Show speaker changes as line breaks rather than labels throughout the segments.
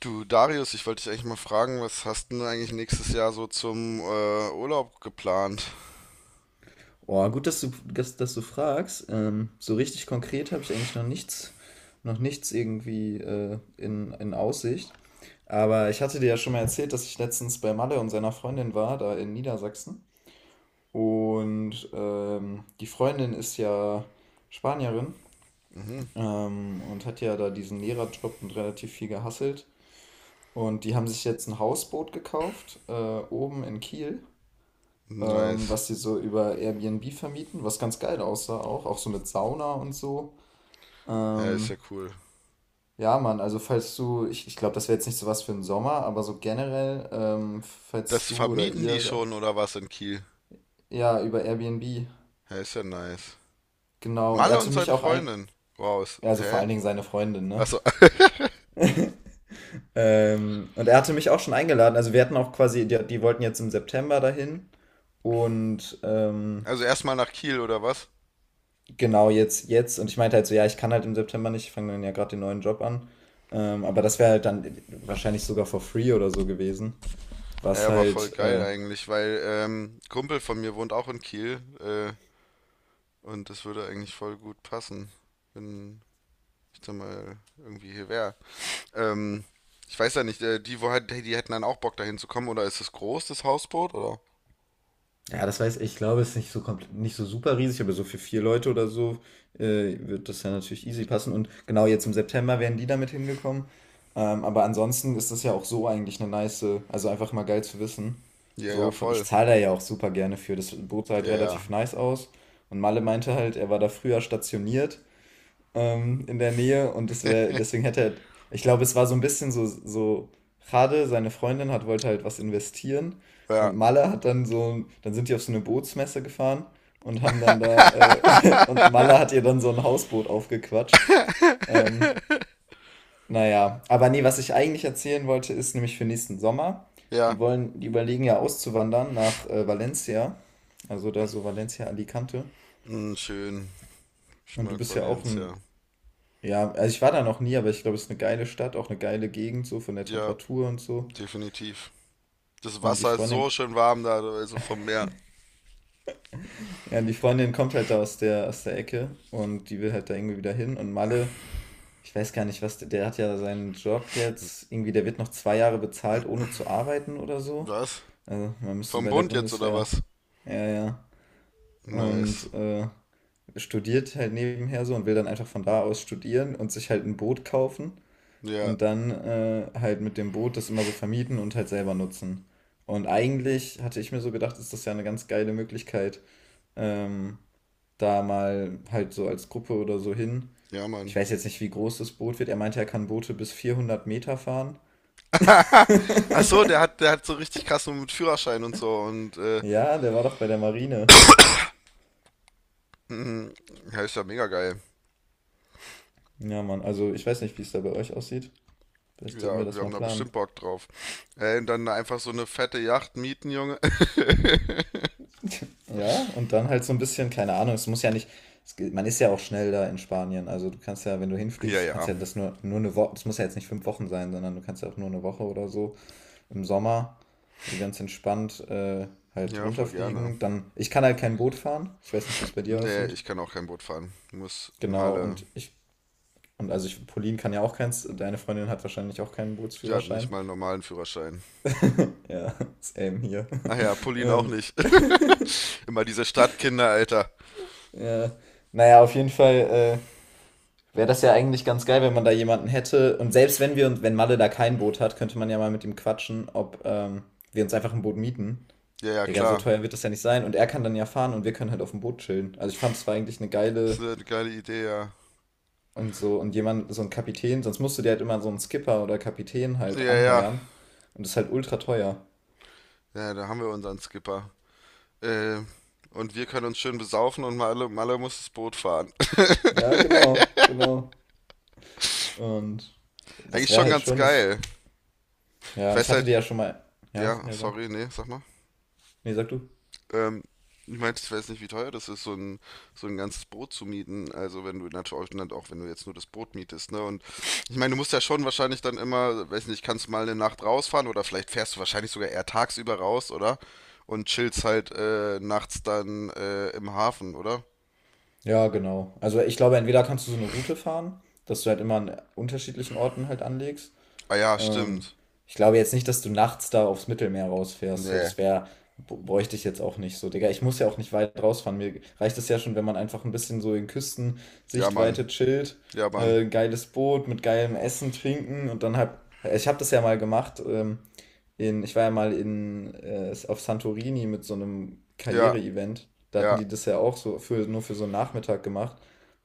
Du, Darius, ich wollte dich eigentlich mal fragen, was hast denn du eigentlich nächstes Jahr so zum Urlaub geplant?
Boah, gut, dass du fragst. So richtig konkret habe ich eigentlich noch nichts irgendwie in Aussicht. Aber ich hatte dir ja schon mal erzählt, dass ich letztens bei Malle und seiner Freundin war, da in Niedersachsen. Und die Freundin ist ja Spanierin, und hat ja da diesen Lehrerjob und relativ viel gehasselt. Und die haben sich jetzt ein Hausboot gekauft, oben in Kiel,
Nice.
was sie so über Airbnb vermieten, was ganz geil aussah auch, auch so mit Sauna und so.
Ja, ist
Ähm,
ja cool.
ja, Mann, also falls du, ich glaube, das wäre jetzt nicht so was für den Sommer, aber so generell, falls
Das
du oder
vermieten
ihr
die
da,
schon oder was in Kiel?
ja, über Airbnb,
Ja, ist ja nice.
genau. Und er
Malle
hatte
und
mich
seine
auch ein,
Freundin. Wow, ist,
also vor
hä?
allen Dingen seine Freundin, ne?
Achso,
Und er hatte mich auch schon eingeladen, also wir hatten auch quasi, die wollten jetzt im September dahin und
also erstmal nach Kiel oder was?
genau, jetzt. Und ich meinte halt so, ja, ich kann halt im September nicht, ich fange dann ja gerade den neuen Job an. Aber das wäre halt dann wahrscheinlich sogar for free oder so gewesen.
Ja,
Was
aber voll
halt,
geil eigentlich, weil Kumpel von mir wohnt auch in Kiel und das würde eigentlich voll gut passen, wenn ich da mal irgendwie hier wäre. Ähm, ich weiß ja nicht, die, wo halt, die hätten dann auch Bock dahin zu kommen, oder ist es groß, das Hausboot, oder?
ja, das weiß ich, ich glaube, es ist nicht so komplett, nicht so super riesig, aber so für vier Leute oder so wird das ja natürlich easy passen. Und genau jetzt im September wären die damit hingekommen. Aber ansonsten ist das ja auch so eigentlich eine nice, also einfach mal geil zu wissen.
Ja, ja,
So, von, ich
voll.
zahle da ja auch super gerne für. Das bot halt
Ja,
relativ
ja.
nice aus. Und Malle meinte halt, er war da früher stationiert, in der Nähe und das wäre, deswegen hätte er, ich glaube, es war so ein bisschen so. Jade, seine Freundin, hat, wollte halt was investieren
Ja,
und Malle hat dann so, dann sind die auf so eine Bootsmesse gefahren und haben dann da, und Malle hat ihr dann so ein Hausboot aufgequatscht. Ähm, naja, aber nee, was ich eigentlich erzählen wollte, ist nämlich für nächsten Sommer. Die
ja.
wollen, die überlegen ja auszuwandern nach Valencia, also da so Valencia Alicante.
Hm, schön. Ich
Und du
mag
bist ja auch
Valencia, ja.
ein ja, also ich war da noch nie, aber ich glaube, es ist eine geile Stadt, auch eine geile Gegend, so von der
Ja,
Temperatur und so.
definitiv. Das
Und die
Wasser ist
Freundin,
so schön warm da, also vom Meer.
ja, die Freundin kommt halt da aus der Ecke und die will halt da irgendwie wieder hin. Und Malle, ich weiß gar nicht, was, der hat ja seinen Job jetzt, irgendwie, der wird noch 2 Jahre bezahlt, ohne zu arbeiten oder so.
Was?
Also man müsste
Vom
bei der
Bund jetzt oder
Bundeswehr.
was?
Ja, ja.
Nice.
Und studiert halt nebenher so und will dann einfach von da aus studieren und sich halt ein Boot kaufen.
Ja,
Und dann halt mit dem Boot das immer so vermieten und halt selber nutzen. Und eigentlich hatte ich mir so gedacht, ist das ja eine ganz geile Möglichkeit, ähm, da mal halt so als Gruppe oder so hin.
ja,
Ich
Mann.
weiß jetzt nicht, wie groß das Boot wird. Er meinte, er kann Boote bis 400 Meter fahren.
Ach so, der hat so richtig krass nur mit Führerschein und so und
Ja, der war doch bei der Marine.
mhm. Ja, ist ja mega geil.
Ja, Mann, also ich weiß nicht, wie es da bei euch aussieht. Vielleicht sollten wir
Ja, wir
das
haben
mal
da
planen.
bestimmt Bock drauf. Ey, und dann einfach so eine fette Yacht mieten, Junge.
Ja, und dann halt so ein bisschen, keine Ahnung, es muss ja nicht, es, man ist ja auch schnell da in Spanien. Also du kannst ja, wenn du
Ja,
hinfliegst, du kannst
ja.
ja das nur eine Woche, das muss ja jetzt nicht 5 Wochen sein, sondern du kannst ja auch nur eine Woche oder so im Sommer so ganz entspannt halt
Ja, voll gerne.
runterfliegen. Dann, ich kann halt kein Boot fahren. Ich weiß nicht, wie es bei dir
Nee,
aussieht.
ich kann auch kein Boot fahren. Muss
Genau,
Malle.
und ich, und also ich, Pauline kann ja auch keins, deine Freundin hat wahrscheinlich auch keinen
Ja, nicht
Bootsführerschein.
mal einen normalen Führerschein.
Ja, same hier.
Ach ja, Pauline auch
ähm,
nicht. Immer diese Stadtkinder, Alter.
ja. Naja, auf jeden Fall, wäre das ja eigentlich ganz geil, wenn man da jemanden hätte. Und selbst wenn wir und wenn Malle da kein Boot hat, könnte man ja mal mit ihm quatschen, ob wir uns einfach ein Boot mieten.
Ja, ja,
Digga, so
klar.
teuer wird das ja nicht sein. Und er kann dann ja fahren und wir können halt auf dem Boot chillen. Also ich fand, es war eigentlich eine
Ist
geile
eine geile Idee, ja.
und so. Und jemand, so ein Kapitän, sonst musst du dir halt immer so einen Skipper oder Kapitän halt
Ja, ja.
anheuern. Und das ist halt ultra teuer.
Ja, da haben wir unseren Skipper. Äh, und wir können uns schön besaufen und Malle, Malle muss das Boot fahren.
Ja, genau, genau. Und das
Eigentlich
wäre
schon
halt
ganz
schon, ich,
geil. Ich
ja, und ich
weiß
hatte dir
halt.
ja schon mal, ja,
Ja,
ja, sag.
sorry, nee, sag mal.
Nee, sag du.
Ähm, ich meinte, ich weiß nicht, wie teuer das ist, so ein ganzes Boot zu mieten. Also wenn du natürlich dann auch, wenn du jetzt nur das Boot mietest, ne? Und ich meine, du musst ja schon wahrscheinlich dann immer, weiß nicht, kannst mal eine Nacht rausfahren oder vielleicht fährst du wahrscheinlich sogar eher tagsüber raus, oder? Und chillst halt nachts dann im Hafen, oder?
Ja, genau. Also ich glaube, entweder kannst du so eine Route fahren, dass du halt immer an unterschiedlichen Orten halt anlegst.
Ah ja,
Ähm,
stimmt.
Ich glaube jetzt nicht, dass du nachts da aufs Mittelmeer rausfährst. So,
Nee.
das wäre, bräuchte ich jetzt auch nicht so. Digga, ich muss ja auch nicht weit rausfahren. Mir reicht es ja schon, wenn man einfach ein bisschen so in
Ja,
Küstensichtweite
Mann.
chillt,
Ja, Mann.
geiles Boot mit geilem Essen, Trinken und dann halt, ich habe das ja mal gemacht, in, ich war ja mal in, auf Santorini mit so einem
Ja,
Karriere-Event. Da hatten
ja.
die das ja auch so für, nur für so einen Nachmittag gemacht.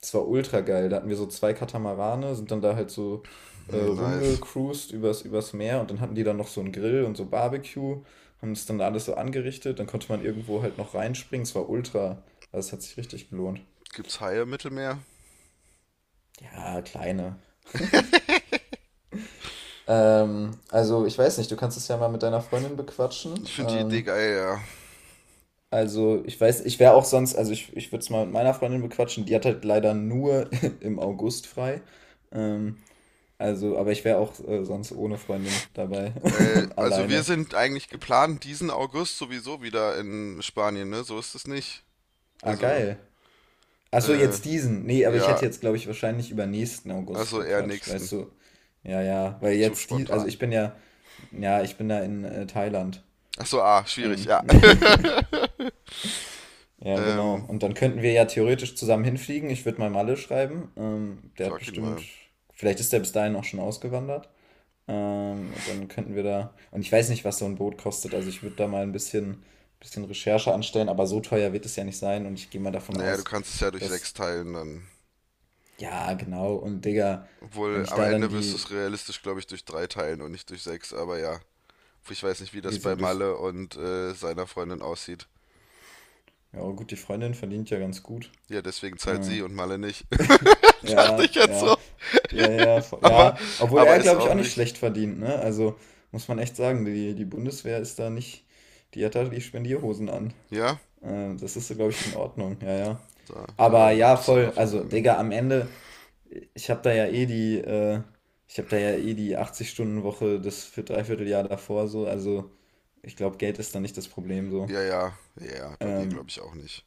Das war ultra geil. Da hatten wir so zwei Katamarane, sind dann da halt so
Hm, nice.
rumgecruised übers Meer und dann hatten die dann noch so einen Grill und so Barbecue, haben das dann alles so angerichtet. Dann konnte man irgendwo halt noch reinspringen. Es war ultra, also es hat sich richtig gelohnt.
Gibt's Haie im Mittelmeer?
Ja, kleine. Also ich weiß nicht, du kannst es ja mal mit deiner Freundin bequatschen.
Ich finde die Idee geil, ja.
Also, ich weiß, ich wäre auch sonst, also ich würde es mal mit meiner Freundin bequatschen, die hat halt leider nur im August frei. Ähm, also, aber ich wäre auch sonst ohne Freundin dabei,
Also wir
alleine.
sind eigentlich geplant, diesen August sowieso wieder in Spanien, ne? So ist es nicht.
Ah,
Also,
geil. Ach so,
äh,
jetzt diesen. Nee, aber ich
ja,
hätte jetzt, glaube ich, wahrscheinlich über nächsten August
also eher
gequatscht,
nächsten.
weißt du? Ja, ja, weil
Zu
jetzt die, also ich
spontan.
bin ja, ja, ich bin da in Thailand.
Ach so, ah, schwierig,
Ähm.
ja.
Ja, genau.
Ähm,
Und dann könnten wir ja theoretisch zusammen hinfliegen. Ich würde mal Malle schreiben. Der hat
frag ihn
bestimmt,
mal.
vielleicht ist der bis dahin auch schon ausgewandert. Und dann könnten wir da, und ich weiß nicht, was so ein Boot kostet. Also ich würde da mal ein bisschen Recherche anstellen, aber so teuer wird es ja nicht sein. Und ich gehe mal davon
Naja, du
aus,
kannst es ja durch
dass,
sechs teilen, dann.
ja, genau. Und Digga,
Obwohl,
wenn ich
am
da dann
Ende wirst du
die,
es realistisch, glaube ich, durch drei teilen und nicht durch sechs, aber ja. Ich weiß nicht, wie das
wieso
bei
durch,
Malle und seiner Freundin aussieht.
ja gut, die Freundin verdient ja ganz gut.
Ja, deswegen zahlt
Äh,
sie und Malle nicht. Dachte ich
ja,
jetzt
ja.
so.
Ja, ja, ja,
Aber,
ja. Obwohl
aber
er,
ist
glaube ich,
auch
auch nicht
nicht.
schlecht verdient, ne? Also muss man echt sagen, die, die Bundeswehr ist da nicht, die hat da die Spendierhosen an.
Ja?
Das ist, glaube ich, in Ordnung, ja, ja.
Da, da
Aber
rein
ja,
läuft das
voll, also,
Sondervermögen.
Digga, am Ende, ich habe da ja eh die, ich habe da ja eh die 80-Stunden-Woche das für Dreivierteljahr davor so, also ich glaube, Geld ist da nicht das Problem so.
Ja, ja, ja, ja, bei mir glaube
Ähm,
ich auch nicht.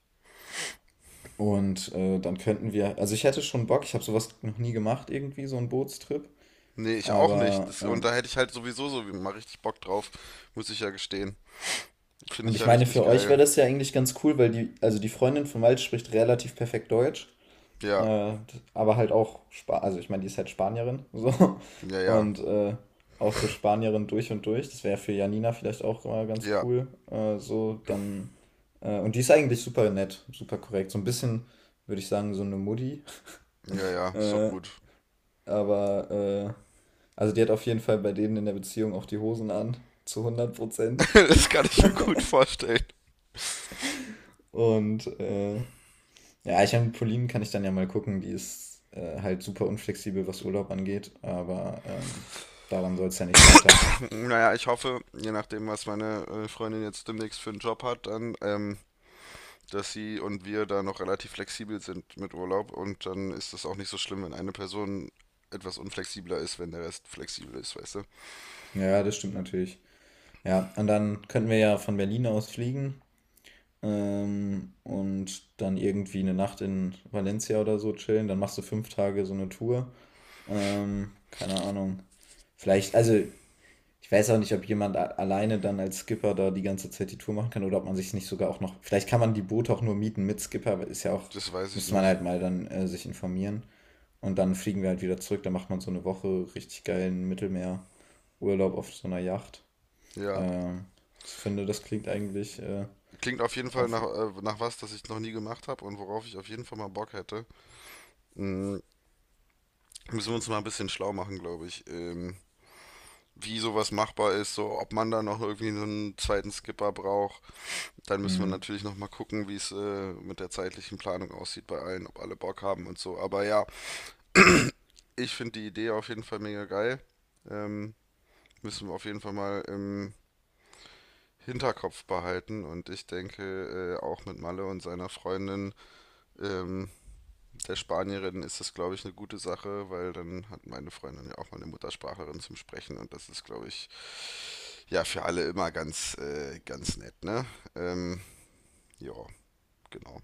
und dann könnten wir, also ich hätte schon Bock, ich habe sowas noch nie gemacht, irgendwie, so einen Bootstrip.
Nee, ich auch nicht.
Aber
Das, und da hätte ich halt sowieso so mal richtig Bock drauf, muss ich ja gestehen. Finde
und
ich ja
ich meine,
richtig
für euch
geil.
wäre das ja eigentlich ganz cool, weil die, also die Freundin von Malte spricht relativ perfekt Deutsch,
Ja,
äh, aber halt auch, Spa also ich meine, die ist halt Spanierin, so,
ja, ja,
und auch so Spanierin durch und durch. Das wäre für Janina vielleicht auch mal ganz
ja,
cool, so, dann, und die ist eigentlich super nett, super korrekt, so ein bisschen, würde ich sagen, so eine Mutti,
ja, ja, ist doch
äh,
gut.
aber, also die hat auf jeden Fall bei denen in der Beziehung auch die Hosen an, zu 100%.
das kann ich mir gut vorstellen.
Und ja, ich habe Pauline, kann ich dann ja mal gucken, die ist halt super unflexibel, was Urlaub angeht, aber daran soll es ja nicht scheitern.
Naja, ich hoffe, je nachdem, was meine Freundin jetzt demnächst für einen Job hat, dann, dass sie und wir da noch relativ flexibel sind mit Urlaub und dann ist das auch nicht so schlimm, wenn eine Person etwas unflexibler ist, wenn der Rest flexibel ist, weißt du?
Ja, ja, das stimmt natürlich. Ja, und dann könnten wir ja von Berlin aus fliegen, und dann irgendwie eine Nacht in Valencia oder so chillen. Dann machst du 5 Tage so eine Tour. Keine Ahnung. Vielleicht, also ich weiß auch nicht, ob jemand alleine dann als Skipper da die ganze Zeit die Tour machen kann oder ob man sich nicht sogar auch noch. Vielleicht kann man die Boote auch nur mieten mit Skipper, aber ist ja auch,
Das weiß ich
müsste man
nicht.
halt mal dann sich informieren. Und dann fliegen wir halt wieder zurück. Dann macht man so eine Woche richtig geilen Mittelmeerurlaub auf so einer Yacht.
Ja,
Ähm, Ich finde, das klingt eigentlich
klingt auf jeden Fall
auf.
nach, nach was, das ich noch nie gemacht habe und worauf ich auf jeden Fall mal Bock hätte. Mm, müssen wir uns mal ein bisschen schlau machen, glaube ich. Wie sowas machbar ist, so ob man da noch irgendwie so einen zweiten Skipper braucht. Dann müssen wir
Hm.
natürlich noch mal gucken, wie es mit der zeitlichen Planung aussieht bei allen, ob alle Bock haben und so. Aber ja, ich finde die Idee auf jeden Fall mega geil. Ähm, müssen wir auf jeden Fall mal im Hinterkopf behalten und ich denke auch mit Malle und seiner Freundin ähm, der Spanierin ist das, glaube ich, eine gute Sache, weil dann hat meine Freundin ja auch mal eine Muttersprachlerin zum Sprechen und das ist, glaube ich, ja, für alle immer ganz, ganz nett, ne? Ähm, ja, genau.